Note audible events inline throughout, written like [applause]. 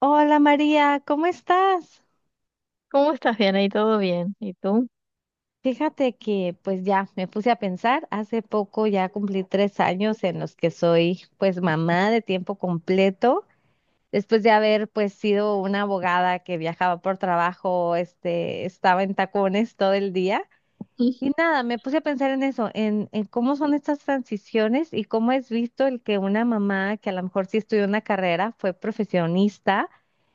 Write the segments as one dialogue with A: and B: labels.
A: Hola María, ¿cómo estás?
B: ¿Cómo estás? Bien, ahí todo bien. ¿Y tú?
A: Fíjate que pues ya me puse a pensar, hace poco ya cumplí 3 años en los que soy pues mamá de tiempo completo, después de haber pues sido una abogada que viajaba por trabajo, estaba en tacones todo el día. Y
B: [laughs]
A: nada, me puse a pensar en eso, en cómo son estas transiciones y cómo es visto el que una mamá que a lo mejor sí estudió una carrera, fue profesionista,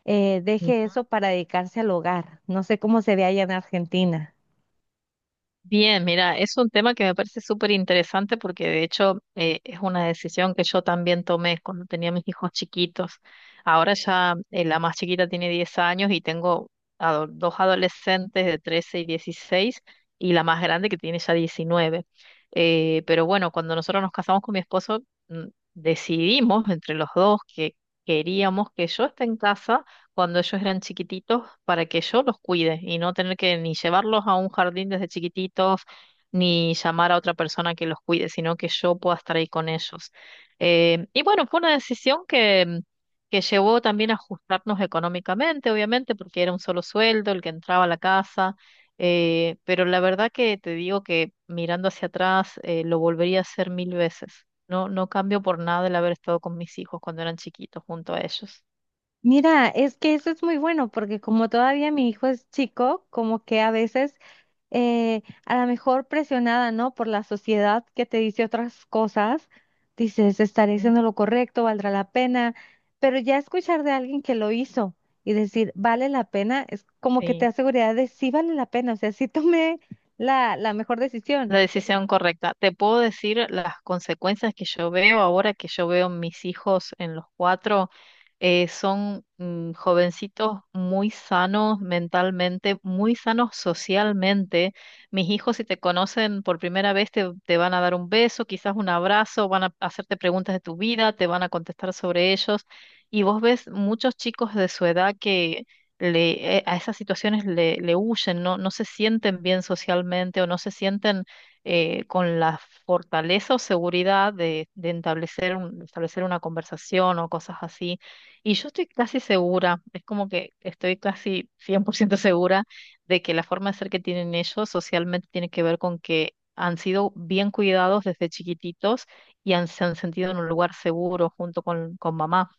A: deje
B: Ujú.
A: eso para dedicarse al hogar. No sé cómo se ve allá en Argentina.
B: Bien, mira, es un tema que me parece súper interesante porque de hecho es una decisión que yo también tomé cuando tenía mis hijos chiquitos. Ahora ya la más chiquita tiene 10 años y tengo dos adolescentes de 13 y 16, y la más grande que tiene ya 19. Pero bueno, cuando nosotros nos casamos con mi esposo, mm, decidimos entre los dos que queríamos que yo esté en casa cuando ellos eran chiquititos, para que yo los cuide y no tener que ni llevarlos a un jardín desde chiquititos ni llamar a otra persona que los cuide, sino que yo pueda estar ahí con ellos. Y bueno, fue una decisión que llevó también a ajustarnos económicamente, obviamente, porque era un solo sueldo el que entraba a la casa. Pero la verdad que te digo que, mirando hacia atrás, lo volvería a hacer mil veces. No, no cambio por nada el haber estado con mis hijos cuando eran chiquitos junto a ellos.
A: Mira, es que eso es muy bueno porque como todavía mi hijo es chico, como que a veces a lo mejor presionada, ¿no? Por la sociedad que te dice otras cosas, dices, estaré
B: Mm.
A: haciendo lo correcto, valdrá la pena, pero ya escuchar de alguien que lo hizo y decir, vale la pena, es como que te
B: Sí.
A: da seguridad de sí vale la pena, o sea, sí tomé la mejor decisión.
B: La decisión correcta. Te puedo decir las consecuencias que yo veo ahora, que yo veo mis hijos en los cuatro. Son jovencitos muy sanos mentalmente, muy sanos socialmente. Mis hijos, si te conocen por primera vez, te van a dar un beso, quizás un abrazo, van a hacerte preguntas de tu vida, te van a contestar sobre ellos. Y vos ves muchos chicos de su edad que a esas situaciones le huyen, no se sienten bien socialmente, o no se sienten con la fortaleza o seguridad de establecer una conversación o cosas así. Y yo estoy casi segura, es como que estoy casi 100% segura, de que la forma de ser que tienen ellos socialmente tiene que ver con que han sido bien cuidados desde chiquititos y se han sentido en un lugar seguro junto con mamá.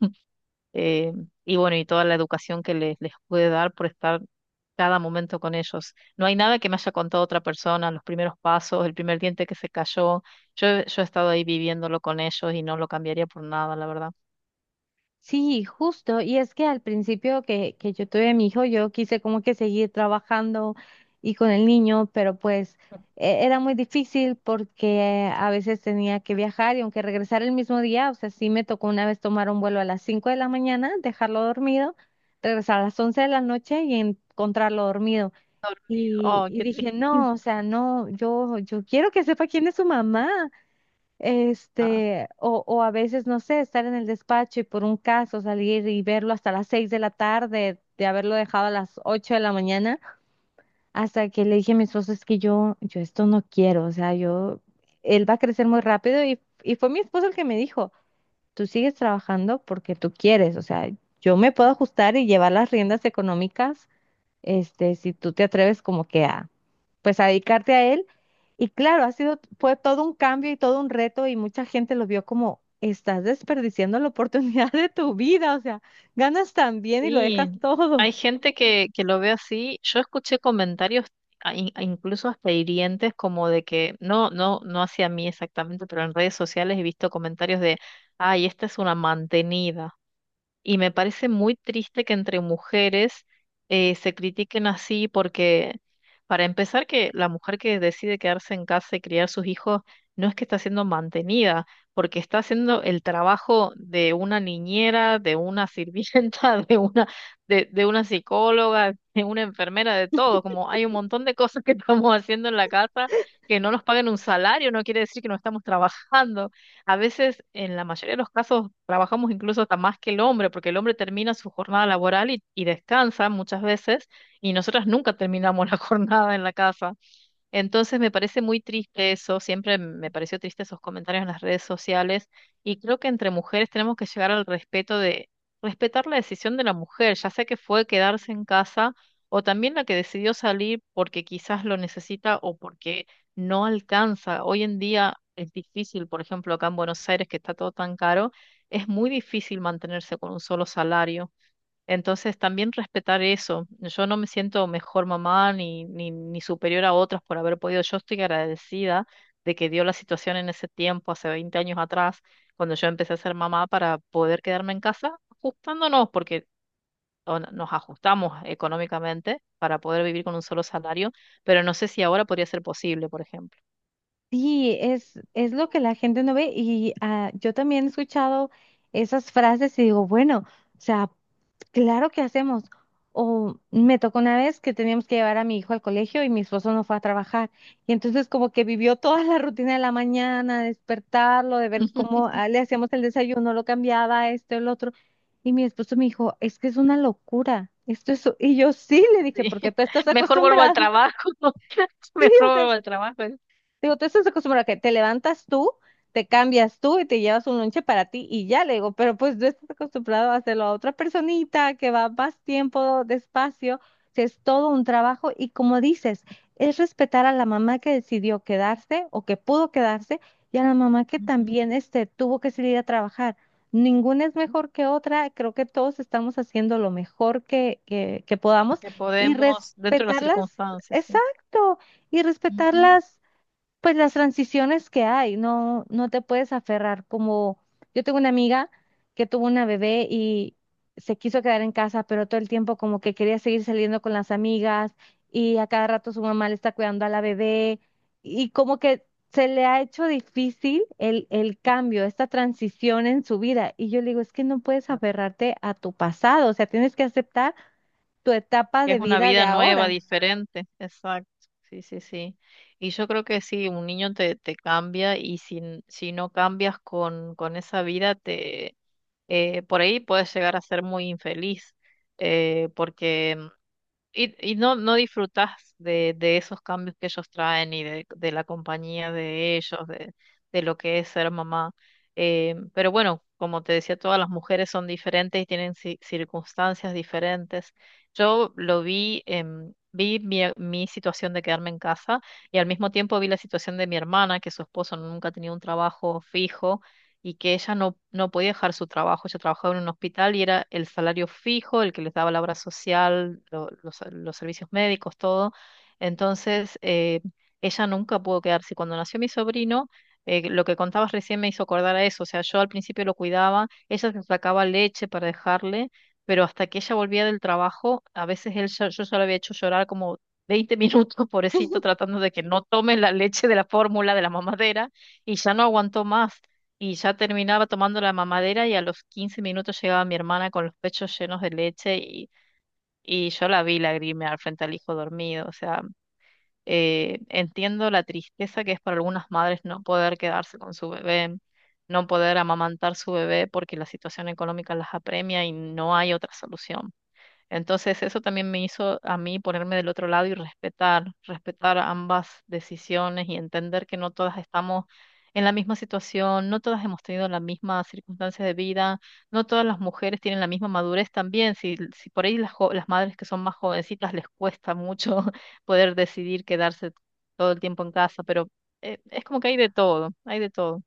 B: Eh, y bueno, y toda la educación que les pude dar por estar cada momento con ellos. No hay nada que me haya contado otra persona, los primeros pasos, el primer diente que se cayó. Yo he estado ahí viviéndolo con ellos, y no lo cambiaría por nada, la verdad.
A: Sí, justo. Y es que al principio que yo tuve a mi hijo, yo quise como que seguir trabajando y con el niño, pero pues era muy difícil porque a veces tenía que viajar y aunque regresara el mismo día, o sea, sí me tocó una vez tomar un vuelo a las 5 de la mañana, dejarlo dormido, regresar a las 11 de la noche y encontrarlo dormido.
B: Dormido.
A: Y,
B: Oh,
A: y
B: qué
A: dije,
B: triste.
A: no, o sea, no, yo quiero que sepa quién es su mamá,
B: Ah,
A: o a veces, no sé, estar en el despacho y por un caso salir y verlo hasta las 6 de la tarde, de haberlo dejado a las 8 de la mañana, hasta que le dije a mi esposo, es que yo esto no quiero, o sea, yo, él va a crecer muy rápido y fue mi esposo el que me dijo, tú sigues trabajando porque tú quieres, o sea, yo me puedo ajustar y llevar las riendas económicas, si tú te atreves como que a, pues a dedicarte a él. Y claro, ha sido, fue todo un cambio y todo un reto y mucha gente lo vio como, estás desperdiciando la oportunidad [laughs] de tu vida, o sea, ganas tan bien y lo dejas
B: sí,
A: todo.
B: hay gente que lo ve así. Yo escuché comentarios a- in- a incluso hasta hirientes, como de que no, no, no, hacia mí exactamente, pero en redes sociales he visto comentarios de: ay, esta es una mantenida. Y me parece muy triste que entre mujeres se critiquen así, porque, para empezar, que la mujer que decide quedarse en casa y criar sus hijos no es que está siendo mantenida, porque está haciendo el trabajo de una niñera, de una sirvienta, [laughs] de una, de una psicóloga, de una enfermera, de todo. Como hay un montón de cosas que [laughs] estamos haciendo en la casa que no nos pagan un salario, no quiere decir que no estamos trabajando. A veces, en la mayoría de los casos, trabajamos incluso hasta más que el hombre, porque el hombre termina su jornada laboral y descansa muchas veces, y nosotras nunca terminamos [laughs] la jornada en la casa. Entonces, me parece muy triste eso. Siempre me pareció triste esos comentarios en las redes sociales, y creo que entre mujeres tenemos que llegar al respeto de respetar la decisión de la mujer, ya sea que fue quedarse en casa, o también la que decidió salir porque quizás lo necesita o porque no alcanza. Hoy en día es difícil, por ejemplo, acá en Buenos Aires, que está todo tan caro, es muy difícil mantenerse con un solo salario. Entonces, también respetar eso. Yo no me siento mejor mamá ni superior a otras por haber podido. Yo estoy agradecida de que dio la situación en ese tiempo, hace 20 años atrás, cuando yo empecé a ser mamá, para poder quedarme en casa, ajustándonos, porque o no- nos ajustamos económicamente para poder vivir con un solo salario, pero no sé si ahora podría ser posible, por ejemplo.
A: Sí, es lo que la gente no ve y ah, yo también he escuchado esas frases y digo, bueno, o sea, claro que hacemos. O me tocó una vez que teníamos que llevar a mi hijo al colegio y mi esposo no fue a trabajar. Y entonces como que vivió toda la rutina de la mañana, despertarlo, de ver cómo
B: [laughs]
A: ah, le hacíamos el desayuno, lo cambiaba, esto, el otro. Y mi esposo me dijo, es que es una locura. Esto es. Y yo sí le
B: Sí.
A: dije, porque tú estás
B: [laughs] Mejor vuelvo al
A: acostumbrado. [laughs]
B: trabajo, [laughs]
A: Sí,
B: mejor
A: o sea,
B: vuelvo al trabajo.
A: digo, tú estás acostumbrada a que te levantas tú, te cambias tú y te llevas un lonche para ti y ya le digo, pero pues tú estás acostumbrado a hacerlo a otra personita que va más tiempo, despacio, si es todo un trabajo y como dices, es respetar a la mamá que decidió quedarse o que pudo quedarse y a la mamá que
B: Ujú.
A: también, tuvo que salir a trabajar. Ninguna es mejor que otra, creo que todos estamos haciendo lo mejor que podamos
B: Que
A: y
B: podemos, dentro de las
A: respetarlas,
B: circunstancias, sí.
A: exacto, y
B: Ujú.
A: respetarlas pues las transiciones que hay, no, no te puedes aferrar como yo tengo una amiga que tuvo una bebé y se quiso quedar en casa, pero todo el tiempo como que quería seguir saliendo con las amigas y a cada rato su mamá le está cuidando a la bebé y como que se le ha hecho difícil el cambio, esta transición en su vida. Y yo le digo, es que no puedes aferrarte a tu pasado, o sea, tienes que aceptar tu etapa
B: Que
A: de
B: es una
A: vida de
B: vida nueva,
A: ahora.
B: diferente. Exacto. Sí, sí, sí. Y yo creo que sí, un niño te cambia, y si no cambias con esa vida, por ahí puedes llegar a ser muy infeliz, porque. Y no disfrutas de esos cambios que ellos traen, y de la compañía de ellos, de lo que es ser mamá. Pero bueno, como te decía, todas las mujeres son diferentes y tienen circunstancias diferentes. Yo lo vi, vi mi situación de quedarme en casa, y al mismo tiempo vi la situación de mi hermana, que su esposo nunca tenía un trabajo fijo y que ella no podía dejar su trabajo. Ella trabajaba en un hospital, y era el salario fijo el que les daba la obra social, los servicios médicos, todo. Entonces, ella nunca pudo quedarse. Cuando nació mi sobrino, lo que contabas recién me hizo acordar a eso. O sea, yo al principio lo cuidaba, ella se sacaba leche para dejarle, pero hasta que ella volvía del trabajo, a veces yo ya lo había hecho llorar como 20 minutos, [laughs] pobrecito, tratando de que no tome la leche de la fórmula de la mamadera, y ya no aguantó más. Y ya terminaba tomando la mamadera, y a los 15 minutos llegaba mi hermana con los pechos llenos de leche, y yo la vi lagrimear frente al hijo dormido. O sea, entiendo la tristeza que es para algunas madres no poder quedarse con su bebé, no poder amamantar su bebé porque la situación económica las apremia y no hay otra solución. Entonces, eso también me hizo a mí ponerme del otro lado y respetar, respetar ambas decisiones, y entender que no todas estamos en la misma situación, no todas hemos tenido las mismas circunstancias de vida, no todas las mujeres tienen la misma madurez también. Si por ahí las madres que son más jovencitas, les cuesta mucho [laughs] poder decidir quedarse todo el tiempo en casa, pero es como que hay de todo, hay de todo.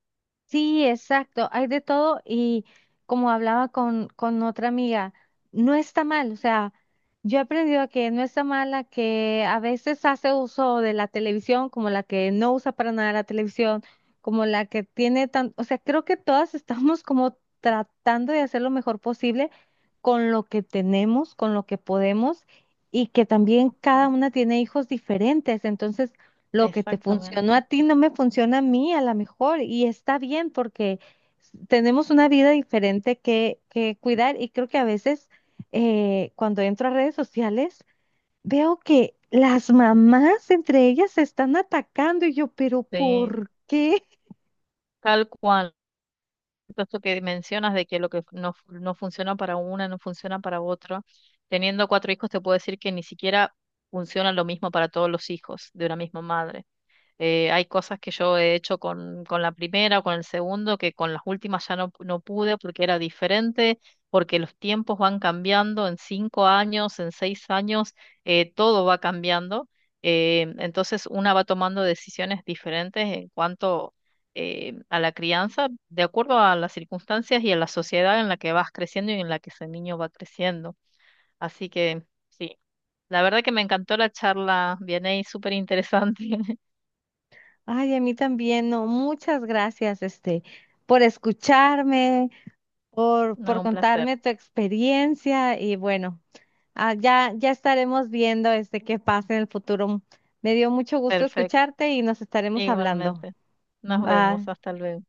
A: Sí, exacto, hay de todo y como hablaba con otra amiga, no está mal, o sea, yo he aprendido a que no está mal la que a veces hace uso de la televisión, como la que no usa para nada la televisión, como la que tiene tan, o sea, creo que todas [laughs] estamos como tratando de hacer lo mejor posible con lo que tenemos, con lo que podemos y que también cada una tiene hijos diferentes, entonces lo que te
B: Exactamente.
A: funcionó a ti no me funciona a mí, a lo mejor, y está bien porque tenemos una vida diferente que cuidar y creo que a veces cuando entro a redes sociales veo que las mamás entre ellas se están atacando y yo, pero
B: Sí,
A: ¿por qué?
B: tal cual. Esto que mencionas, de que lo que no, no funciona para una, no funciona para otro. Teniendo cuatro hijos, te puedo decir que ni siquiera funciona lo mismo para todos los hijos de una misma madre. Hay cosas que yo he hecho con la primera o con el segundo, que con las últimas ya no pude, porque era diferente, porque los tiempos van cambiando, en 5 años, en 6 años, todo va cambiando. Entonces una va tomando decisiones diferentes en cuanto a la crianza, de acuerdo a las circunstancias y a la sociedad en la que vas creciendo y en la que ese niño va creciendo. Así que sí, la verdad que me encantó la charla, viene súper interesante. [laughs]
A: Ay, a mí también, no, muchas gracias, por escucharme, por,
B: No,
A: por
B: un placer.
A: contarme tu experiencia y bueno, ah, ya, ya estaremos viendo qué pasa en el futuro. Me dio mucho gusto
B: Perfecto,
A: escucharte y nos estaremos hablando.
B: igualmente. Nos vemos,
A: Bye.
B: hasta luego.